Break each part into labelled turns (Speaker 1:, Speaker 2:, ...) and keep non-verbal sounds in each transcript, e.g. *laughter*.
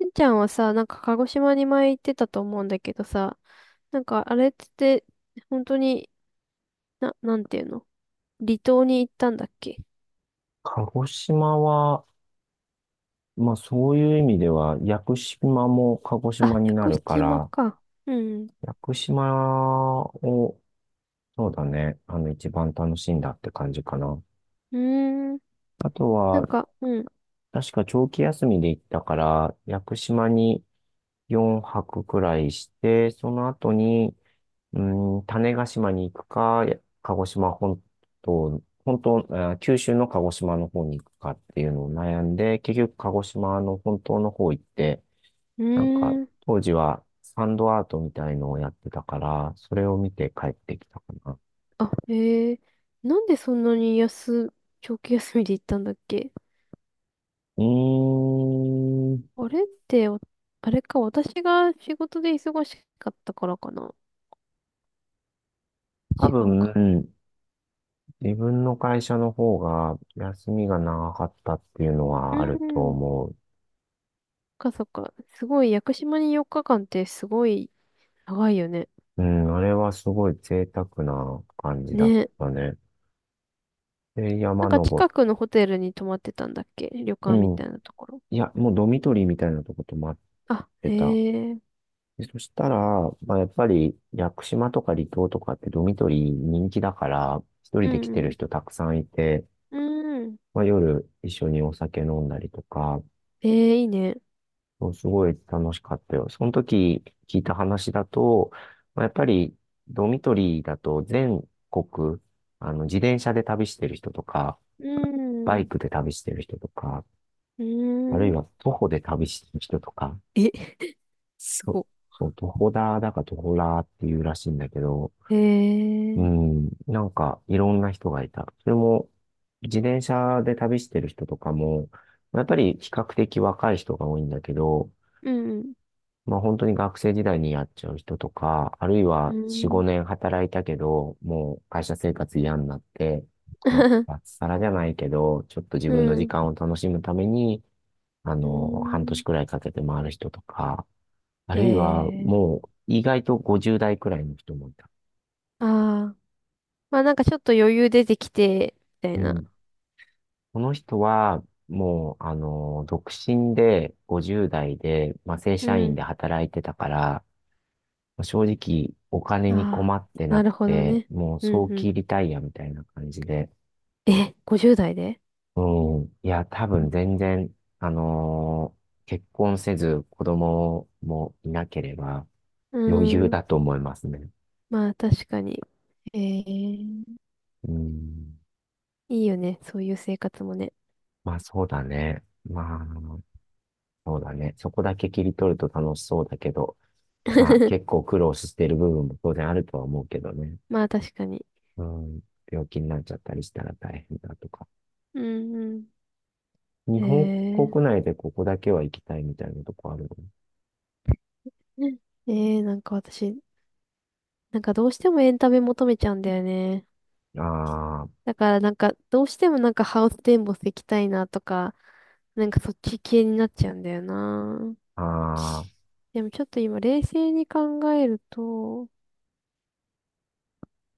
Speaker 1: しんちゃんはさ、なんか鹿児島に前行ってたと思うんだけどさ、なんかあれって本当に、なんていうの、離島に行ったんだっけ？
Speaker 2: 鹿児島は、まあそういう意味では、屋久島も鹿児
Speaker 1: あ、
Speaker 2: 島に
Speaker 1: 屋
Speaker 2: な
Speaker 1: 久
Speaker 2: るか
Speaker 1: 島
Speaker 2: ら、
Speaker 1: か。うん。
Speaker 2: 屋久島を、そうだね、一番楽しんだって感じかな。
Speaker 1: うーん。
Speaker 2: あと
Speaker 1: なん
Speaker 2: は、
Speaker 1: か、うん。
Speaker 2: 確か長期休みで行ったから、屋久島に4泊くらいして、その後に、種子島に行くか、鹿児島本島、九州の鹿児島の方に行くかっていうのを悩んで、結局鹿児島の本島の方行って、
Speaker 1: う
Speaker 2: なんか、
Speaker 1: ーん。
Speaker 2: 当時はサンドアートみたいのをやってたから、それを見て帰ってきたかな。
Speaker 1: あ、へえ。なんでそんなに安、長期休みで行ったんだっけ？
Speaker 2: うーん、
Speaker 1: あれってお、あれか、私が仕事で忙しかったからかな。
Speaker 2: 多
Speaker 1: 違うか。
Speaker 2: 分、自分の会社の方が休みが長かったっていうの
Speaker 1: う
Speaker 2: はあると
Speaker 1: ーん。そ
Speaker 2: 思う。
Speaker 1: っかそっか。すごい、屋久島に4日間ってすごい長いよね。
Speaker 2: うん、あれはすごい贅沢な感じだっ
Speaker 1: ね。
Speaker 2: たね。で、
Speaker 1: な
Speaker 2: 山
Speaker 1: んか
Speaker 2: 登っ
Speaker 1: 近くのホテルに泊まってたんだっけ、旅館み
Speaker 2: うん。
Speaker 1: たいなところ。
Speaker 2: いや、もうドミトリーみたいなとこともあっ
Speaker 1: あ、
Speaker 2: て
Speaker 1: へ
Speaker 2: た。
Speaker 1: え。
Speaker 2: でそしたら、まあ、やっぱり屋久島とか離島とかってドミトリー人気だから、一
Speaker 1: う
Speaker 2: 人で来てる
Speaker 1: ん
Speaker 2: 人たくさんいて、
Speaker 1: うん。うん。
Speaker 2: まあ、夜一緒にお酒飲んだりとか、
Speaker 1: ええ、いいね。
Speaker 2: そうすごい楽しかったよ。その時聞いた話だと、まあ、やっぱりドミトリーだと全国、自転車で旅してる人とか、
Speaker 1: う
Speaker 2: バイ
Speaker 1: ん。
Speaker 2: クで旅してる人とか、
Speaker 1: う
Speaker 2: ある
Speaker 1: ー
Speaker 2: い
Speaker 1: ん。
Speaker 2: は徒歩で旅してる人とか、
Speaker 1: え、す
Speaker 2: そ
Speaker 1: ご。
Speaker 2: そう、徒歩だか徒歩ラーっていうらしいんだけど、
Speaker 1: へ
Speaker 2: う
Speaker 1: え。
Speaker 2: ん、なんかいろんな人がいた。それも自転車で旅してる人とかも、やっぱり比較的若い人が多いんだけど、
Speaker 1: うん
Speaker 2: まあ本当に学生時代にやっちゃう人とか、あるい
Speaker 1: う
Speaker 2: は4、
Speaker 1: ん。
Speaker 2: 5年働いたけど、もう会社生活嫌になって、まあ
Speaker 1: *laughs*
Speaker 2: 脱サラじゃないけど、ちょっと自
Speaker 1: う
Speaker 2: 分の
Speaker 1: ん。*laughs*
Speaker 2: 時
Speaker 1: うん。
Speaker 2: 間を楽しむために、
Speaker 1: う
Speaker 2: 半年
Speaker 1: ん、
Speaker 2: くらいかけて回る人とか、
Speaker 1: ええ、いいね、うん、うーん、え、すご、へえ、うん、うん、うん、
Speaker 2: あ
Speaker 1: う
Speaker 2: るいは
Speaker 1: ん、ええ、
Speaker 2: もう意外と50代くらいの人もいた。
Speaker 1: ああ。まあなんかちょっと余裕出てきて、みたい
Speaker 2: う
Speaker 1: な。
Speaker 2: ん。この人は、もう、独身で、50代で、まあ、正
Speaker 1: う
Speaker 2: 社員
Speaker 1: ん。
Speaker 2: で働いてたから、まあ正直、お金に
Speaker 1: あ
Speaker 2: 困
Speaker 1: あ、
Speaker 2: ってな
Speaker 1: なる
Speaker 2: く
Speaker 1: ほど
Speaker 2: て、
Speaker 1: ね。
Speaker 2: もう、
Speaker 1: うん
Speaker 2: 早
Speaker 1: うん。
Speaker 2: 期リタイアみたいな感じで、
Speaker 1: え、50代で？
Speaker 2: うん。いや、多分全然、結婚せず、子供もいなければ、
Speaker 1: う
Speaker 2: 余裕
Speaker 1: ん。うん、
Speaker 2: だと思いますね。
Speaker 1: まあ確かに。ええ、い
Speaker 2: うん。
Speaker 1: いよね。そういう生活もね。
Speaker 2: まあ、そうだね。まあ、そうだね。そこだけ切り取ると楽しそうだけど、まあ結
Speaker 1: *laughs*
Speaker 2: 構苦労してる部分も当然あるとは思うけどね。
Speaker 1: まあ確かに。
Speaker 2: うん。病気になっちゃったりしたら大変だとか。
Speaker 1: うんうん。
Speaker 2: 日
Speaker 1: え
Speaker 2: 本
Speaker 1: ー、
Speaker 2: 国内でここだけは行きたいみたいなとこある
Speaker 1: ええ、なんか私、なんかどうしてもエンタメ求めちゃうんだよね。
Speaker 2: の？あ
Speaker 1: だからなんかどうしてもなんかハウステンボス行きたいなとか、なんかそっち系になっちゃうんだよな。
Speaker 2: あ、あ
Speaker 1: でもちょっと今冷静に考えると、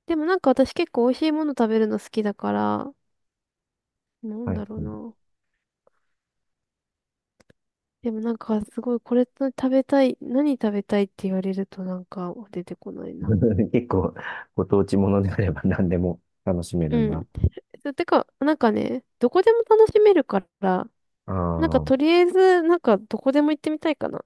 Speaker 1: でもなんか私結構美味しいもの食べるの好きだから、な
Speaker 2: あ、
Speaker 1: ん
Speaker 2: はい、
Speaker 1: だろう
Speaker 2: は
Speaker 1: な。でもなんかすごいこれ食べたい、何食べたいって言われるとなんか出てこない
Speaker 2: い。
Speaker 1: な。
Speaker 2: *laughs* 結構ご当地ものであれば何でも楽しめ
Speaker 1: う
Speaker 2: るんだ。
Speaker 1: ん。そう、てか、なんかね、どこでも楽しめるから、
Speaker 2: あ
Speaker 1: なんかとりあえず、なんかどこでも行ってみたいかな。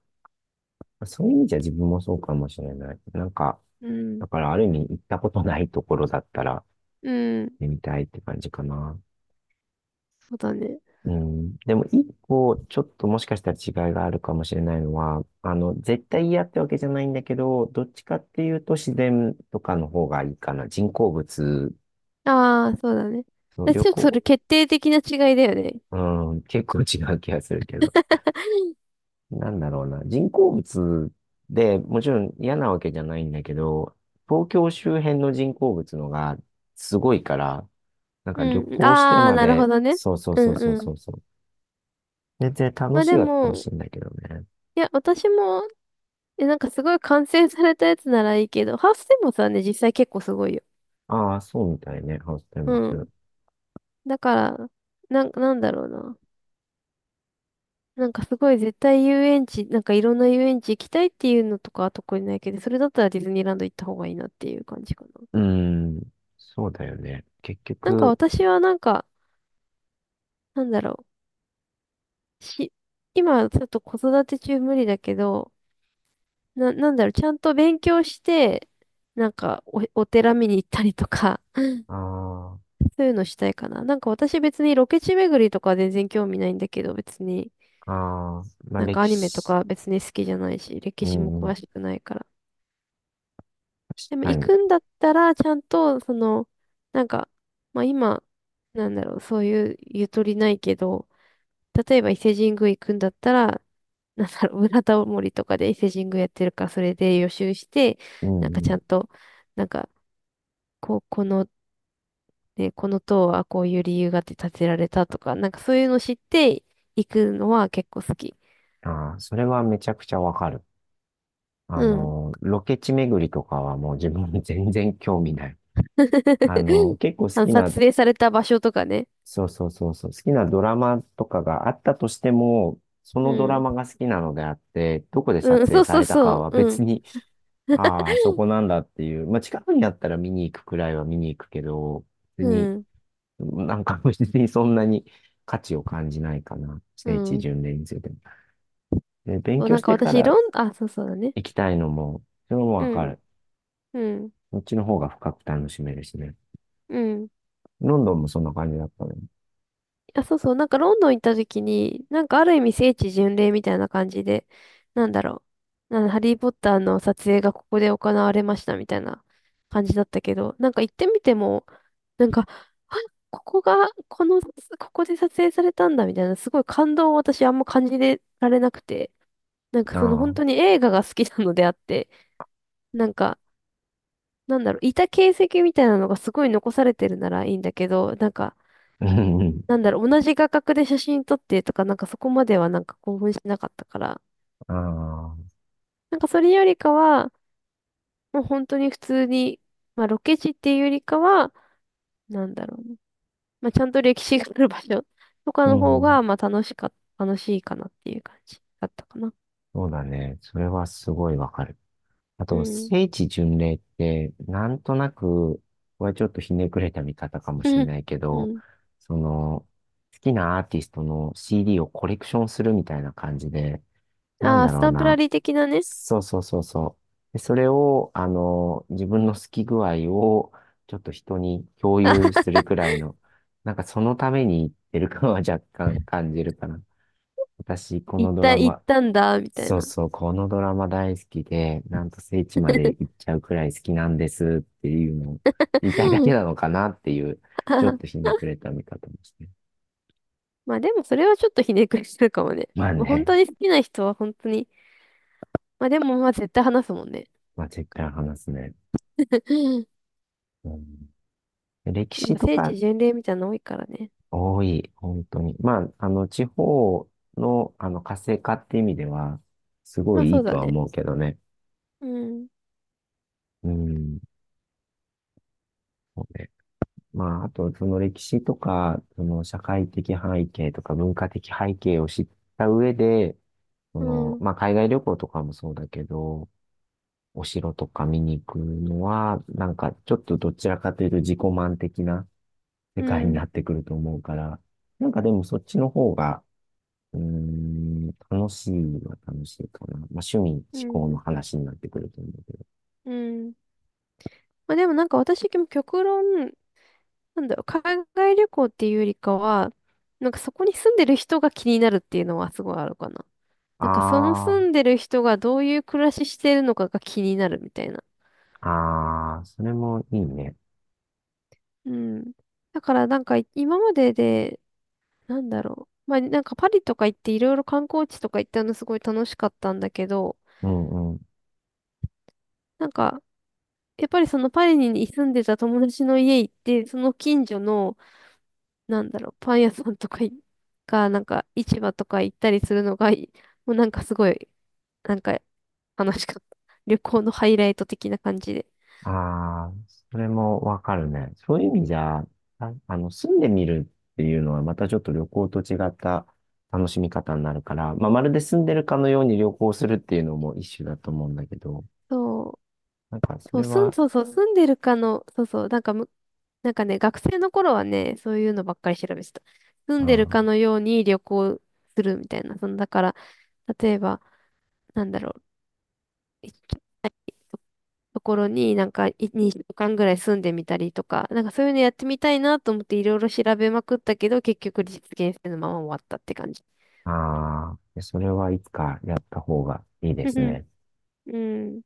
Speaker 2: あ、そういう意味じゃ自分もそうかもしれない。なんか、
Speaker 1: うん。
Speaker 2: だからある意味行ったことないところだったら
Speaker 1: うん。
Speaker 2: ね、行ってみたいって感じかな。
Speaker 1: そうだね。
Speaker 2: うん。でも、一個、ちょっともしかしたら違いがあるかもしれないのは、絶対嫌ってわけじゃないんだけど、どっちかっていうと自然とかの方がいいかな。人工物、
Speaker 1: ああ、そうだね。
Speaker 2: そう、
Speaker 1: で
Speaker 2: 旅
Speaker 1: ちょっとそ
Speaker 2: 行、
Speaker 1: れ決定的な違いだよね。
Speaker 2: うん、結構違う気がするけど。なんだろうな。人工物でもちろん嫌なわけじゃないんだけど、東京周辺の人工物のがすごいから、なんか旅
Speaker 1: うん。
Speaker 2: 行して
Speaker 1: ああ、
Speaker 2: ま
Speaker 1: なるほ
Speaker 2: で、
Speaker 1: どね。
Speaker 2: そうそう
Speaker 1: う
Speaker 2: そう
Speaker 1: ん
Speaker 2: そう
Speaker 1: う
Speaker 2: そ
Speaker 1: ん。
Speaker 2: うそう。全然楽
Speaker 1: まあ
Speaker 2: しい
Speaker 1: で
Speaker 2: は楽し
Speaker 1: も、
Speaker 2: いんだけどね。
Speaker 1: いや、私も、え、なんかすごい完成されたやつならいいけど、ハウステンボスはね、実際結構すごいよ。
Speaker 2: ああ、そうみたいね。あ、ごい
Speaker 1: う
Speaker 2: ます。
Speaker 1: ん、だから、なんだろうな。なんかすごい絶対遊園地、なんかいろんな遊園地行きたいっていうのとかは特にないけど、それだったらディズニーランド行った方がいいなっていう感じかな。
Speaker 2: ーん、そうだよね。結
Speaker 1: なんか
Speaker 2: 局、
Speaker 1: 私はなんか、なんだろう。し、今ちょっと子育て中無理だけど、なんだろう、ちゃんと勉強して、お寺見に行ったりとか、
Speaker 2: あ
Speaker 1: そういうのしたいかな。なんか私別にロケ地巡りとかは全然興味ないんだけど、別に、
Speaker 2: あ、ああ、まあ
Speaker 1: なんか
Speaker 2: 歴
Speaker 1: アニメと
Speaker 2: 史、
Speaker 1: か別に好きじゃないし、歴
Speaker 2: う
Speaker 1: 史も詳
Speaker 2: ん、
Speaker 1: しくないから。
Speaker 2: 確
Speaker 1: でも
Speaker 2: か
Speaker 1: 行
Speaker 2: に。
Speaker 1: くんだったら、ちゃんと、その、なんか、まあ今、なんだろう、そういうゆとりないけど、例えば伊勢神宮行くんだったら、なんだろう、裏タモリとかで伊勢神宮やってるから、それで予習して、
Speaker 2: う
Speaker 1: なんかちゃ
Speaker 2: ん、
Speaker 1: んと、なんか、こう、この、ね、この塔はこういう理由があって建てられたとか、なんかそういうの知って行くのは結構好き。
Speaker 2: ああ、それはめちゃくちゃわかる。
Speaker 1: うん。
Speaker 2: ロケ地巡りとかはもう自分全然興味ない。
Speaker 1: *laughs*
Speaker 2: 結構好
Speaker 1: あの、
Speaker 2: き
Speaker 1: 撮
Speaker 2: な
Speaker 1: 影された場所とかね。
Speaker 2: そうそうそうそう。好きなドラマとかがあったとしても、そ
Speaker 1: う
Speaker 2: のドラ
Speaker 1: ん。
Speaker 2: マが好きなのであって、どこで
Speaker 1: う
Speaker 2: 撮
Speaker 1: ん、
Speaker 2: 影
Speaker 1: そう
Speaker 2: さ
Speaker 1: そう
Speaker 2: れた
Speaker 1: そ
Speaker 2: か
Speaker 1: う。
Speaker 2: は
Speaker 1: うん。
Speaker 2: 別に、*laughs* ああ、そこなんだっていう。まあ、近くにあったら見に行くくらいは見に行くけど、別
Speaker 1: う
Speaker 2: に、
Speaker 1: ん。
Speaker 2: なんか *laughs* 別にそんなに価値を感じないかな。
Speaker 1: う
Speaker 2: 聖地
Speaker 1: ん。
Speaker 2: 巡礼についても。で、勉
Speaker 1: そう
Speaker 2: 強
Speaker 1: なん
Speaker 2: し
Speaker 1: か
Speaker 2: てか
Speaker 1: 私、
Speaker 2: ら
Speaker 1: あ、そう、そうだね。
Speaker 2: 行きたいのも、それも
Speaker 1: う
Speaker 2: わか
Speaker 1: ん。
Speaker 2: る。
Speaker 1: うん。
Speaker 2: こっちの方が深く楽しめるしね。
Speaker 1: うん。
Speaker 2: ロンドンもそんな感じだったね。
Speaker 1: あ、そうそう。なんかロンドン行った時に、なんかある意味聖地巡礼みたいな感じで、なんだろう。なんハリー・ポッターの撮影がここで行われましたみたいな感じだったけど、なんか行ってみても、なんか、あ、ここが、ここで撮影されたんだみたいな、すごい感動を私あんま感じられなくて、なんか
Speaker 2: あ
Speaker 1: その本当
Speaker 2: あ。
Speaker 1: に映画が好きなのであって、なんか、なんだろう、いた形跡みたいなのがすごい残されてるならいいんだけど、なんか、
Speaker 2: うんうん。
Speaker 1: なんだろう、同じ画角で写真撮ってとか、なんかそこまではなんか興奮しなかったから、
Speaker 2: ああ。
Speaker 1: なんかそれよりかは、もう本当に普通に、まあロケ地っていうよりかは、なんだろうね、まあちゃんと歴史がある場所 *laughs* とか
Speaker 2: う
Speaker 1: の方
Speaker 2: ん。
Speaker 1: が、楽しいかなっていう感じだったかな。
Speaker 2: そうだね。それはすごいわかる。あ
Speaker 1: う
Speaker 2: と、
Speaker 1: ん。
Speaker 2: 聖地巡礼って、なんとなく、これちょっとひねくれた見方かもしれな
Speaker 1: *laughs*
Speaker 2: いけ
Speaker 1: う
Speaker 2: ど、
Speaker 1: ん。
Speaker 2: その、好きなアーティストの CD をコレクションするみたいな感じで、なん
Speaker 1: ああ、
Speaker 2: だ
Speaker 1: ス
Speaker 2: ろう
Speaker 1: タンプラ
Speaker 2: な。
Speaker 1: リー的なね、
Speaker 2: そうそうそうそう。で、それを、自分の好き具合を、ちょっと人に共有するくらいの、なんかそのために言ってる感は若干感じるかな。私、このドラ
Speaker 1: 行っ
Speaker 2: マ、
Speaker 1: たんだ、みたい
Speaker 2: そう
Speaker 1: な。
Speaker 2: そう、このドラマ大好きで、なんと聖地まで行っちゃうくらい好きなんですっていうのを言いたいだ
Speaker 1: *laughs*
Speaker 2: けなのかなっていう、ちょっとひねくれた見方もして。
Speaker 1: まあでもそれはちょっとひねくれしてるかもね。
Speaker 2: まあ
Speaker 1: まあ本
Speaker 2: ね、
Speaker 1: 当に好きな人は本当に。まあでもまあ絶対話すもんね。
Speaker 2: まあ絶対話すね。
Speaker 1: *laughs*
Speaker 2: うん、歴史
Speaker 1: 今、
Speaker 2: と
Speaker 1: 聖地
Speaker 2: か
Speaker 1: 巡礼みたいなの多いからね。
Speaker 2: 多い、本当に。まあ、地方の、活性化って意味では、すご
Speaker 1: まあ
Speaker 2: いい
Speaker 1: そう
Speaker 2: いと
Speaker 1: だ
Speaker 2: は
Speaker 1: ね。
Speaker 2: 思うけどね。
Speaker 1: うん、
Speaker 2: うん、そうね。まあ、あと、その歴史とか、その社会的背景とか文化的背景を知った上で、そ
Speaker 1: う
Speaker 2: の、
Speaker 1: ん、
Speaker 2: まあ、海外旅行とかもそうだけど、お城とか見に行くのは、なんかちょっとどちらかというと自己満的な
Speaker 1: う
Speaker 2: 世界に
Speaker 1: ん、
Speaker 2: なってくると思うから、なんかでもそっちの方が、楽しいは楽しいかな。まあ、趣味、思
Speaker 1: う
Speaker 2: 考
Speaker 1: ん、
Speaker 2: の話になってくると思うけど。
Speaker 1: うん。まあでもなんか私、極論、なんだろう、海外旅行っていうよりかは、なんかそこに住んでる人が気になるっていうのはすごいあるかな。なんかその住
Speaker 2: あ
Speaker 1: んでる人がどういう暮らししてるのかが気になるみたいな。
Speaker 2: あ、ああ、それもいいね。
Speaker 1: うん。だからなんか今までで、なんだろう。まあ、なんかパリとか行っていろいろ観光地とか行ったのすごい楽しかったんだけど、
Speaker 2: うんうん。
Speaker 1: なんか、やっぱりそのパリに住んでた友達の家行って、その近所の、なんだろう、パン屋さんとかい、が、なんか市場とか行ったりするのが、もうなんかすごい、なんか楽しかった。旅行のハイライト的な感じで。
Speaker 2: ああ、それもわかるね。そういう意味じゃ、あ、住んでみるっていうのはまたちょっと旅行と違った楽しみ方になるから、まあ、まるで住んでるかのように旅行するっていうのも一種だと思うんだけど、
Speaker 1: そう
Speaker 2: なんかそれは、
Speaker 1: そうそう、住んでるかの、そうそう、なんかむ、なんかね、学生の頃はね、そういうのばっかり調べてた。住
Speaker 2: う
Speaker 1: んでる
Speaker 2: ん、
Speaker 1: かのように旅行するみたいな。その、だから、例えば、なんだろう、いとところになんか2週間ぐらい住んでみたりとか、なんかそういうのやってみたいなと思っていろいろ調べまくったけど、結局実現性のまま終わったって感じ。
Speaker 2: ああ、それはいつかやった方がいいで
Speaker 1: うん
Speaker 2: す
Speaker 1: うん。
Speaker 2: ね。
Speaker 1: うん